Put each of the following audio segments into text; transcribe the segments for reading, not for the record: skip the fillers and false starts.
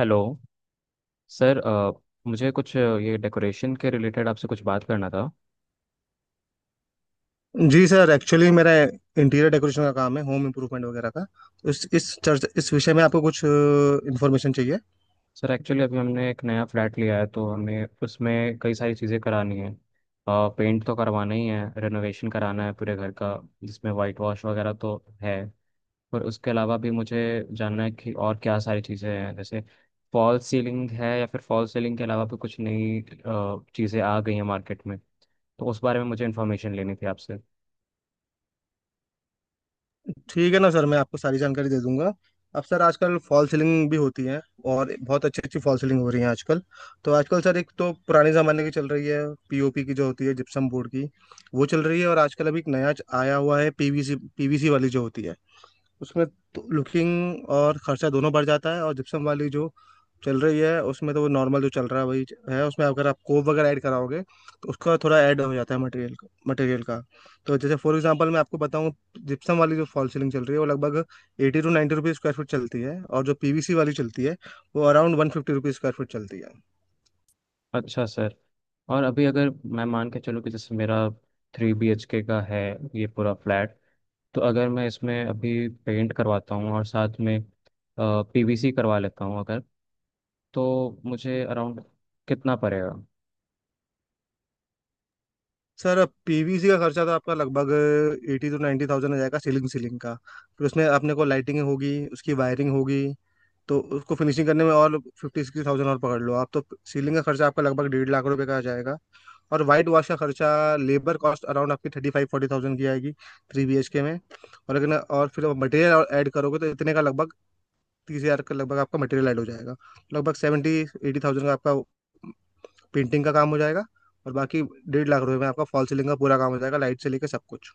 Hello sir, मुझे कुछ ये डेकोरेशन के रिलेटेड आपसे कुछ बात करना था। जी सर एक्चुअली मेरा इंटीरियर डेकोरेशन का काम है, होम इम्प्रूवमेंट वगैरह का। तो इस विषय में आपको कुछ इन्फॉर्मेशन चाहिए? सर एक्चुअली अभी हमने एक नया फ्लैट लिया है, तो हमें उसमें कई सारी चीज़ें करानी है। पेंट तो करवाना ही है, रेनोवेशन कराना है पूरे घर का, जिसमें वाइट वॉश वगैरह तो है। पर उसके अलावा भी मुझे जानना है कि और क्या सारी चीज़ें हैं, जैसे फॉल सीलिंग है, या फिर फॉल सीलिंग के अलावा भी कुछ नई चीज़ें आ गई हैं मार्केट में, तो उस बारे में मुझे इन्फॉर्मेशन लेनी थी आपसे। ठीक है ना सर, मैं आपको सारी जानकारी दे दूंगा। अब सर आजकल फॉल सीलिंग भी होती है, और बहुत अच्छी अच्छी फॉल सीलिंग हो रही है आजकल। तो आजकल सर, एक तो पुराने ज़माने की चल रही है, पीओपी की जो होती है, जिप्सम बोर्ड की। वो चल रही है, और आजकल अभी एक नया आया हुआ है पीवीसी पीवीसी वाली जो होती है उसमें तो लुकिंग और खर्चा दोनों बढ़ जाता है। और जिप्सम वाली जो चल रही है उसमें तो वो नॉर्मल जो चल रहा है वही है। उसमें अगर आप कोप वगैरह ऐड कराओगे तो उसका थोड़ा ऐड हो जाता है मटेरियल का मटेरियल का। तो जैसे फॉर एग्जांपल मैं आपको बताऊं, जिप्सम वाली जो फॉल सीलिंग चल रही है वो लगभग 80-90 रुपीज़ स्क्वायर फीट चलती है, और जो पीवीसी वाली चलती है वो अराउंड 150 रुपीज़ स्क्वायर फीट चलती है। अच्छा सर। और अभी अगर मैं मान के चलूँ कि जैसे मेरा 3 BHK का है ये पूरा फ्लैट, तो अगर मैं इसमें अभी पेंट करवाता हूँ और साथ में पीवीसी करवा लेता हूँ अगर, तो मुझे अराउंड कितना पड़ेगा? सर अब पीवीसी का खर्चा तो आपका लगभग 80-90 हज़ार आ जाएगा, सीलिंग सीलिंग का। फिर उसमें अपने को लाइटिंग होगी, उसकी वायरिंग होगी। तो उसको फिनिशिंग करने में और 50-60 हज़ार और पकड़ लो आप, तो सीलिंग का खर्चा आपका लगभग 1.5 लाख रुपए का आ जाएगा। और वाइट वॉश का खर्चा, लेबर कॉस्ट अराउंड आपकी 35-40 हज़ार की आएगी थ्री बी एच के में। और अगर और फिर मटेरियल ऐड करोगे तो इतने का लगभग 30 हजार का लगभग आपका मटेरियल ऐड हो जाएगा। लगभग 70-80 हज़ार का आपका पेंटिंग का काम हो जाएगा। और बाकी 1.5 लाख रुपए में आपका फॉल सीलिंग का पूरा काम हो जाएगा, लाइट से लेकर सब कुछ।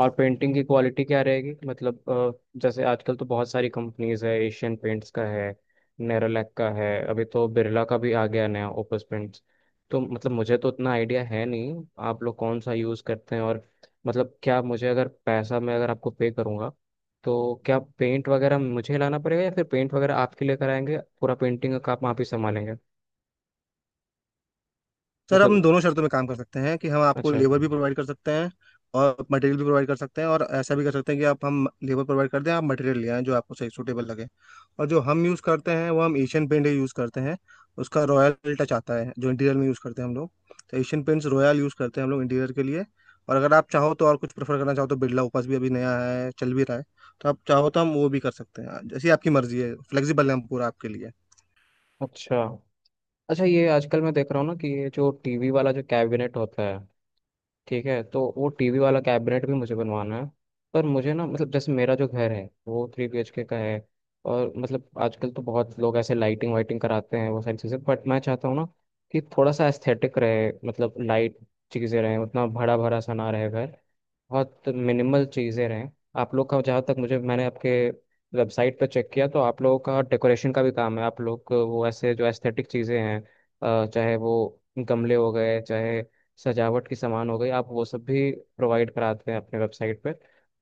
और पेंटिंग की क्वालिटी क्या रहेगी? मतलब, जैसे आजकल तो बहुत सारी कंपनीज है, एशियन पेंट्स का है, नेरोलैक का है, अभी तो बिरला का भी आ गया नया ओपस पेंट्स। तो मतलब मुझे तो उतना आइडिया है नहीं, आप लोग कौन सा यूज़ करते हैं? और मतलब क्या मुझे, अगर पैसा मैं अगर आपको पे करूँगा, तो क्या पेंट वगैरह मुझे लाना पड़ेगा या फिर पेंट वगैरह आपके लिए कराएंगे, पूरा पेंटिंग का आप वहाँ पे संभालेंगे? सर हम मतलब दोनों शर्तों में काम कर सकते हैं, कि हम आपको अच्छा। लेबर भी प्रोवाइड कर सकते हैं और मटेरियल भी प्रोवाइड कर सकते हैं, और ऐसा भी कर सकते हैं कि आप हम लेबर प्रोवाइड कर दें, आप मटेरियल ले आएं जो आपको सही सूटेबल लगे। और जो हम यूज़ करते हैं वो हम एशियन पेंट ही यूज़ करते हैं। उसका रॉयल टच आता है, जो इंटीरियर में यूज़ करते हैं हम लोग। तो एशियन पेंट्स रॉयल यूज़ करते हैं हम लोग इंटीरियर के लिए। और अगर आप चाहो तो और कुछ प्रेफर करना चाहो तो बिरला ओपस भी अभी नया है, चल भी रहा है। तो आप चाहो तो हम वो भी कर सकते हैं, जैसी आपकी मर्जी है, फ्लेक्सिबल है हम पूरा आपके लिए। अच्छा, अच्छा ये आजकल मैं देख रहा हूँ ना कि ये जो टीवी वाला जो कैबिनेट होता है, ठीक है, तो वो टीवी वाला कैबिनेट भी मुझे बनवाना है। पर मुझे ना, मतलब जैसे मेरा जो घर है वो 3 BHK का है, और मतलब आजकल तो बहुत लोग ऐसे लाइटिंग वाइटिंग कराते हैं, वो सारी चीज़ें, बट मैं चाहता हूँ ना कि थोड़ा सा एस्थेटिक रहे, मतलब लाइट चीज़ें रहे, उतना भरा भरा सा ना रहे घर, बहुत मिनिमल चीज़ें रहें। आप लोग का, जहाँ तक मुझे, मैंने आपके वेबसाइट पर चेक किया, तो आप लोगों का डेकोरेशन का भी काम है, आप लोग को वो ऐसे जो एस्थेटिक चीज़ें हैं, चाहे वो गमले हो गए, चाहे सजावट की सामान हो गई, आप वो सब भी प्रोवाइड कराते हैं अपने वेबसाइट पर।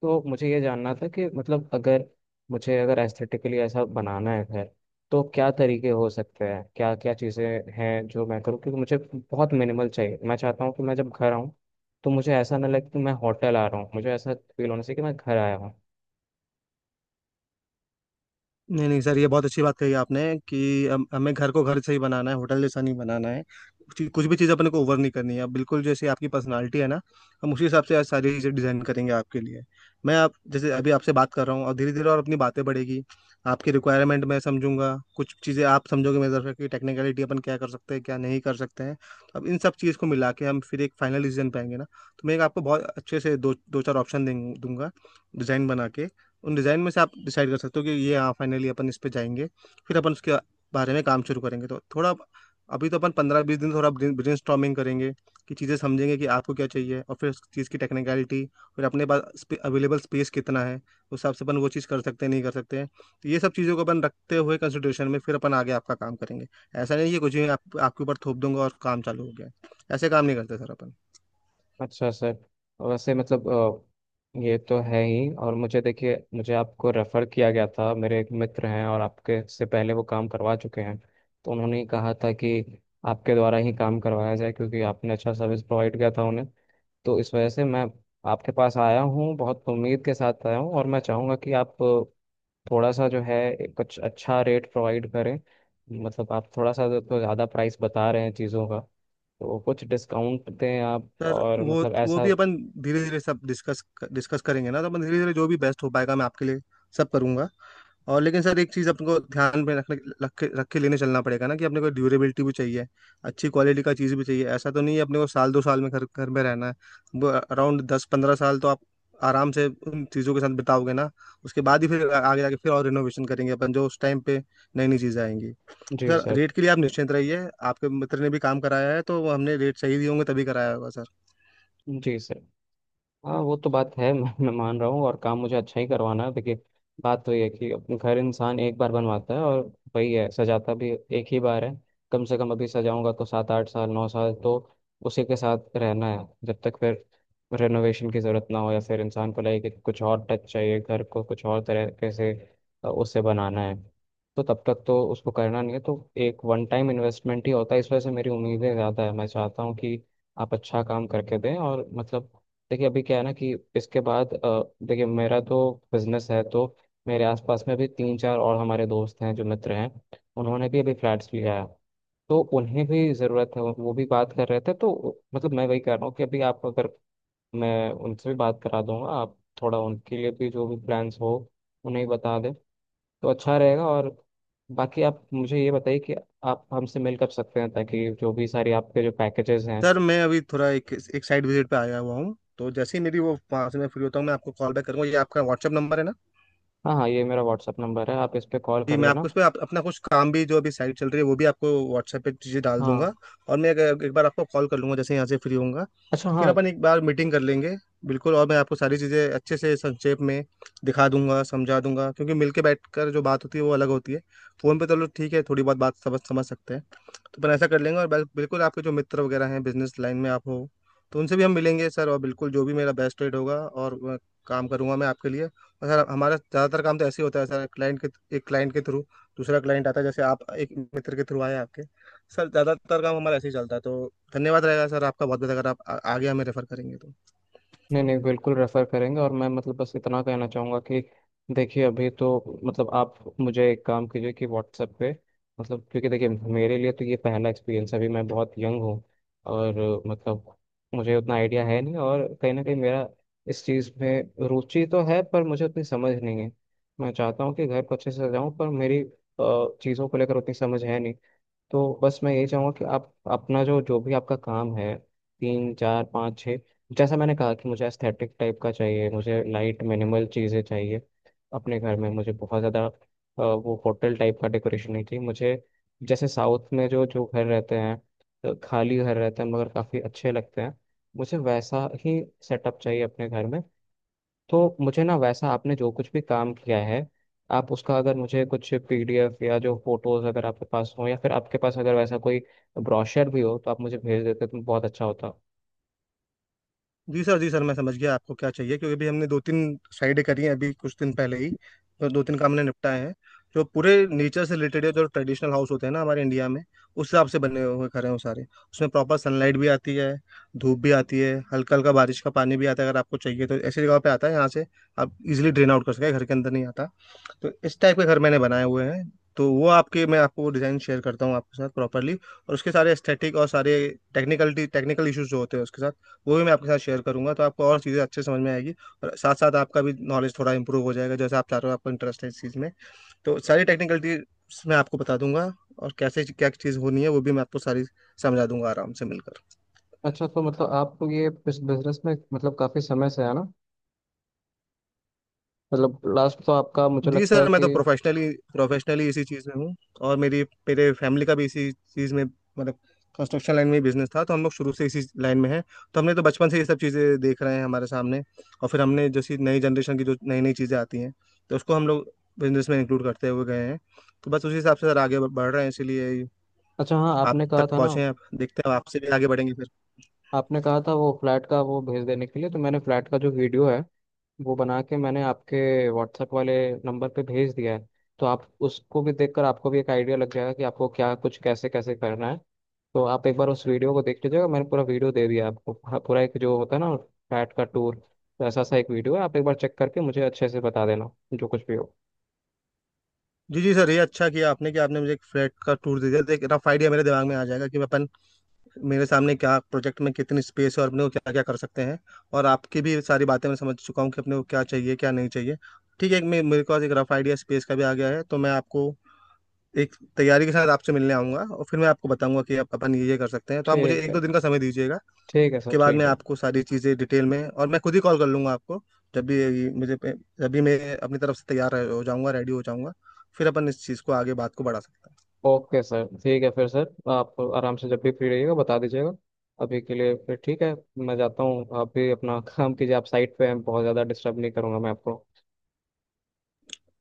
तो मुझे ये जानना था कि मतलब अगर मुझे, अगर एस्थेटिकली ऐसा बनाना है घर, तो क्या तरीके हो सकते हैं, क्या क्या चीज़ें हैं जो मैं करूँ, क्योंकि मुझे बहुत मिनिमल चाहिए। मैं चाहता हूँ कि मैं जब घर आऊँ, तो मुझे ऐसा ना लगे कि मैं होटल आ रहा हूँ, मुझे ऐसा फील होना चाहिए कि मैं घर आया हूँ। नहीं नहीं सर, ये बहुत अच्छी बात कही आपने, कि हमें घर को घर से ही बनाना है, होटल जैसा नहीं बनाना है। कुछ कुछ भी चीज़ अपने को ओवर नहीं करनी है। अब बिल्कुल जैसे आपकी पर्सनालिटी है ना, हम उसी हिसाब से आज सारी चीज़ें डिजाइन करेंगे आपके लिए। मैं आप जैसे अभी आपसे बात कर रहा हूँ, और धीरे धीरे और अपनी बातें बढ़ेगी, आपकी रिक्वायरमेंट मैं समझूंगा, कुछ चीज़ें आप समझोगे मेरे तरफ की टेक्निकलिटी, अपन क्या कर सकते हैं क्या नहीं कर सकते हैं। तो अब इन सब चीज़ को मिला के हम फिर एक फाइनल डिसीजन पाएंगे ना। तो मैं एक आपको बहुत अच्छे से दो दो चार ऑप्शन दूंगा डिजाइन बना के। उन डिज़ाइन में से आप डिसाइड कर सकते हो कि ये हाँ, फाइनली अपन इस पे जाएंगे। फिर अपन उसके बारे में काम शुरू करेंगे। तो थोड़ा अभी तो अपन 15-20 दिन थोड़ा ब्रेन करेंगे, कि चीज़ें समझेंगे कि आपको क्या चाहिए, और फिर उस चीज़ की टेक्निकलिटी, फिर अपने पास अवेलेबल स्पेस कितना है उस हिसाब से अपन वो चीज़ कर सकते हैं नहीं कर सकते हैं। तो ये सब चीज़ों को अपन रखते हुए कंसिडरेशन में फिर अपन आगे आपका काम करेंगे। ऐसा नहीं है कि कुछ ही आपके ऊपर थोप दूंगा और काम चालू हो गया। ऐसे काम नहीं करते सर अपन। अच्छा सर, तो वैसे मतलब, ये तो है ही। और मुझे, देखिए, मुझे आपको रेफ़र किया गया था, मेरे एक मित्र हैं और आपके से पहले वो काम करवा चुके हैं, तो उन्होंने ही कहा था कि आपके द्वारा ही काम करवाया जाए, क्योंकि आपने अच्छा सर्विस प्रोवाइड किया था उन्हें। तो इस वजह से मैं आपके पास आया हूँ, बहुत उम्मीद के साथ आया हूँ। और मैं चाहूँगा कि आप थोड़ा सा, जो है, कुछ अच्छा रेट प्रोवाइड करें। मतलब आप थोड़ा सा तो ज़्यादा प्राइस बता रहे हैं चीज़ों का, तो कुछ डिस्काउंट दें आप, सर और वो मतलब वो ऐसा। भी अपन धीरे धीरे सब डिस्कस डिस्कस करेंगे ना। तो अपन धीरे धीरे जो भी बेस्ट हो पाएगा मैं आपके लिए सब करूंगा। और लेकिन सर एक चीज़ अपने को ध्यान में रखने रख के लेने चलना पड़ेगा ना, कि अपने को ड्यूरेबिलिटी भी चाहिए, अच्छी क्वालिटी का चीज़ भी चाहिए। ऐसा तो नहीं है अपने को साल दो साल में घर घर में रहना है। वो अराउंड 10-15 साल तो आप आराम से उन चीज़ों के साथ बिताओगे ना। उसके बाद ही फिर आगे जाके फिर और रिनोवेशन करेंगे अपन, जो उस टाइम पे नई नई चीज़ें आएंगी। जी सर सर। रेट के लिए आप निश्चिंत रहिए, आपके मित्र ने भी काम कराया है तो हमने रेट सही दिए होंगे तभी कराया होगा सर। जी सर। हाँ, वो तो बात है मैं मान रहा हूँ, और काम मुझे अच्छा ही करवाना है। देखिए, बात तो ये है कि अपने घर इंसान एक बार बनवाता है, और वही है, सजाता भी एक ही बार है। कम से कम अभी सजाऊंगा तो 7 8 साल, 9 साल तो उसी के साथ रहना है, जब तक फिर रेनोवेशन की ज़रूरत ना हो, या फिर इंसान को लगे कि कुछ और टच चाहिए, घर को कुछ और तरीके से उससे बनाना है, तो तब तक तो उसको करना नहीं है। तो एक वन टाइम इन्वेस्टमेंट ही होता है, इस वजह से मेरी उम्मीदें ज़्यादा है। मैं चाहता हूँ कि आप अच्छा काम करके दें। और मतलब देखिए, अभी क्या है ना, कि इसके बाद, देखिए, मेरा तो बिजनेस है, तो मेरे आसपास में भी 3 4 और हमारे दोस्त हैं, जो मित्र हैं, उन्होंने भी अभी फ्लैट्स लिया है, तो उन्हें भी ज़रूरत है, वो भी बात कर रहे थे। तो मतलब मैं वही कह रहा हूँ कि अभी आप, अगर मैं उनसे भी बात करा दूंगा, आप थोड़ा उनके लिए भी जो भी प्लान्स हो उन्हें बता दें, तो अच्छा रहेगा। और बाकी आप मुझे ये बताइए कि आप हमसे मिल कर सकते हैं, ताकि जो भी सारी आपके जो पैकेजेस हैं। सर मैं अभी थोड़ा एक एक साइड विजिट पे आया हुआ हूँ, तो जैसे ही मेरी वो, वहाँ से मैं फ्री होता हूँ मैं आपको कॉल बैक करूंगा। ये आपका व्हाट्सएप नंबर है ना? हाँ हाँ, ये मेरा व्हाट्सअप नंबर है, आप इस पर कॉल जी कर मैं लेना। आपको उस पर अपना कुछ काम भी जो अभी साइट चल रही है वो भी आपको व्हाट्सएप पे चीज़ें डाल दूंगा। हाँ। और मैं एक बार आपको कॉल कर लूंगा जैसे यहाँ से फ्री होऊंगा। अच्छा, तो फिर हाँ। अपन एक बार मीटिंग कर लेंगे। बिल्कुल, और मैं आपको सारी चीज़ें अच्छे से संक्षेप में दिखा दूंगा, समझा दूंगा, क्योंकि मिलके बैठकर जो बात होती है वो अलग होती है। फ़ोन पे तो लोग ठीक है थोड़ी बहुत बात समझ समझ सकते हैं। तो अपन ऐसा कर लेंगे, और बिल्कुल आपके जो मित्र वगैरह हैं बिजनेस लाइन में आप हो, तो उनसे भी हम मिलेंगे सर। और बिल्कुल जो भी मेरा बेस्ट रेट होगा और मैं काम करूंगा मैं आपके लिए। और सर हमारा ज़्यादातर काम तो ऐसे ही होता है सर, क्लाइंट के, एक क्लाइंट के थ्रू दूसरा क्लाइंट आता है, जैसे आप एक मित्र के थ्रू आए आपके। सर ज़्यादातर काम हमारा ऐसे ही चलता है। तो धन्यवाद रहेगा सर आपका बहुत बहुत, अगर आप आगे हमें रेफर करेंगे तो। नहीं नहीं, बिल्कुल रेफर करेंगे। और मैं, मतलब बस इतना कहना चाहूँगा कि देखिए, अभी तो मतलब आप मुझे एक काम कीजिए कि व्हाट्सएप पे, मतलब क्योंकि देखिए, मेरे लिए तो ये पहला एक्सपीरियंस है, अभी मैं बहुत यंग हूँ, और मतलब मुझे उतना आइडिया है नहीं, और कहीं ना कहीं मेरा इस चीज़ में रुचि तो है, पर मुझे उतनी समझ नहीं है। मैं चाहता हूँ कि घर को अच्छे से सजाऊँ, पर मेरी चीज़ों को लेकर उतनी समझ है नहीं। तो बस मैं यही चाहूँगा कि आप अपना जो, जो भी आपका काम है, 3 4 5 6, जैसा मैंने कहा कि मुझे एस्थेटिक टाइप का चाहिए, मुझे लाइट मिनिमल चीज़ें चाहिए अपने घर में। मुझे बहुत ज़्यादा वो होटल टाइप का डेकोरेशन नहीं चाहिए। मुझे जैसे साउथ में जो जो घर रहते हैं, खाली घर रहते हैं मगर काफ़ी अच्छे लगते हैं, मुझे वैसा ही सेटअप चाहिए अपने घर में। तो मुझे ना, वैसा आपने जो कुछ भी काम किया है, आप उसका, अगर मुझे कुछ पीडीएफ या जो फोटोज अगर आपके पास हो, या फिर आपके पास अगर वैसा कोई ब्रोशर भी हो, तो आप मुझे भेज देते तो बहुत अच्छा होता। जी सर जी सर, मैं समझ गया आपको क्या चाहिए, क्योंकि अभी हमने 2-3 साइडें करी हैं अभी कुछ दिन पहले ही। तो 2-3 काम हमने निपटाए हैं जो पूरे नेचर से रिलेटेड है। जो ट्रेडिशनल हाउस होते हैं ना हमारे इंडिया में, उस हिसाब से बने हुए घर हैं वो सारे। उसमें प्रॉपर सनलाइट भी आती है, धूप भी आती है, हल्का हल्का बारिश का पानी भी आता है, अगर आपको चाहिए तो ऐसी जगह पे आता है, यहाँ से आप इजिली ड्रेन आउट कर सकते हैं, घर के अंदर नहीं आता। तो इस टाइप के घर मैंने बनाए हुए हैं। तो वो आपके, मैं आपको डिज़ाइन शेयर करता हूँ आपके साथ प्रॉपरली, और उसके सारे एस्थेटिक और सारे टेक्निकल टेक्निकल इश्यूज जो होते हैं उसके साथ, वो भी मैं आपके साथ शेयर करूंगा। तो आपको और चीज़ें अच्छे समझ में आएगी, और साथ साथ आपका भी नॉलेज थोड़ा इंप्रूव हो जाएगा। जैसे आप चाह रहे हो आपको इंटरेस्ट है इस चीज़ में, तो सारी टेक्निकलिटीज मैं आपको बता दूंगा, और कैसे क्या चीज़ होनी है वो भी मैं आपको सारी समझा दूंगा आराम से मिलकर। अच्छा, तो मतलब आपको ये इस बिजनेस में, मतलब काफी समय से है ना, मतलब लास्ट तो आपका मुझे जी लगता सर है मैं तो कि। प्रोफेशनली प्रोफेशनली इसी चीज़ में हूँ, और मेरी, मेरे फैमिली का भी इसी चीज़ में मतलब कंस्ट्रक्शन लाइन में ही बिजनेस था। तो हम लोग शुरू से इसी लाइन में हैं। तो हमने तो बचपन से ये सब चीज़ें देख रहे हैं हमारे सामने। और फिर हमने जैसी नई जनरेशन की जो नई नई चीज़ें आती हैं तो उसको हम लोग बिजनेस में इंक्लूड करते हुए गए हैं। तो बस उसी हिसाब से सर आगे बढ़ रहे हैं, इसीलिए अच्छा, हाँ। आप आपने कहा तक था ना, पहुँचे हैं, आप देखते हैं, आपसे भी आगे बढ़ेंगे फिर। आपने कहा था वो फ्लैट का वो भेज देने के लिए, तो मैंने फ्लैट का जो वीडियो है, वो बना के मैंने आपके व्हाट्सएप वाले नंबर पे भेज दिया है। तो आप उसको भी देखकर, आपको भी एक आइडिया लग जाएगा कि आपको क्या कुछ कैसे कैसे करना है। तो आप एक बार उस वीडियो को देख लीजिएगा, मैंने पूरा वीडियो दे दिया आपको, पूरा पूरा एक जो होता है ना फैट का टूर, तो ऐसा सा एक वीडियो है, आप एक बार चेक करके मुझे अच्छे से बता देना, जो कुछ भी हो। जी जी सर, ये अच्छा किया आपने कि आपने मुझे एक फ्लैट का टूर दे दिया, तो एक रफ आइडिया मेरे दिमाग में आ जाएगा कि अपन, मेरे सामने क्या प्रोजेक्ट में कितनी स्पेस है और अपने को क्या क्या कर सकते हैं। और आपकी भी सारी बातें मैं समझ चुका हूँ कि अपने को क्या चाहिए क्या नहीं चाहिए। ठीक है, एक मेरे पास एक रफ आइडिया स्पेस का भी आ गया है। तो मैं आपको एक तैयारी के साथ आपसे मिलने आऊंगा, और फिर मैं आपको बताऊंगा कि आप अपन ये कर सकते हैं। तो आप मुझे ठीक एक दो है। दिन का समय दीजिएगा, ठीक है सर, के बाद ठीक मैं है। आपको सारी चीज़ें डिटेल में, और मैं खुद ही कॉल कर लूंगा आपको जब भी मुझे, जब भी मैं अपनी तरफ से तैयार हो जाऊंगा, रेडी हो जाऊंगा, फिर अपन इस चीज़ को आगे बात को बढ़ा सकते हैं। ओके सर, ठीक है फिर। सर आप आराम से जब भी फ्री रहिएगा बता दीजिएगा। अभी के लिए फिर ठीक है, मैं जाता हूँ, आप भी अपना काम कीजिए, आप साइट पे हैं, बहुत ज़्यादा डिस्टर्ब नहीं करूँगा मैं आपको।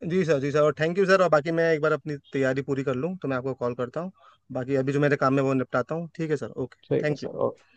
जी सर जी सर, और थैंक यू सर, और बाकी मैं एक बार अपनी तैयारी पूरी कर लूँ तो मैं आपको कॉल करता हूँ। बाकी अभी जो मेरे काम में वो निपटाता हूँ। ठीक है सर, ओके। ठीक है थैंक सर, यू। ओके।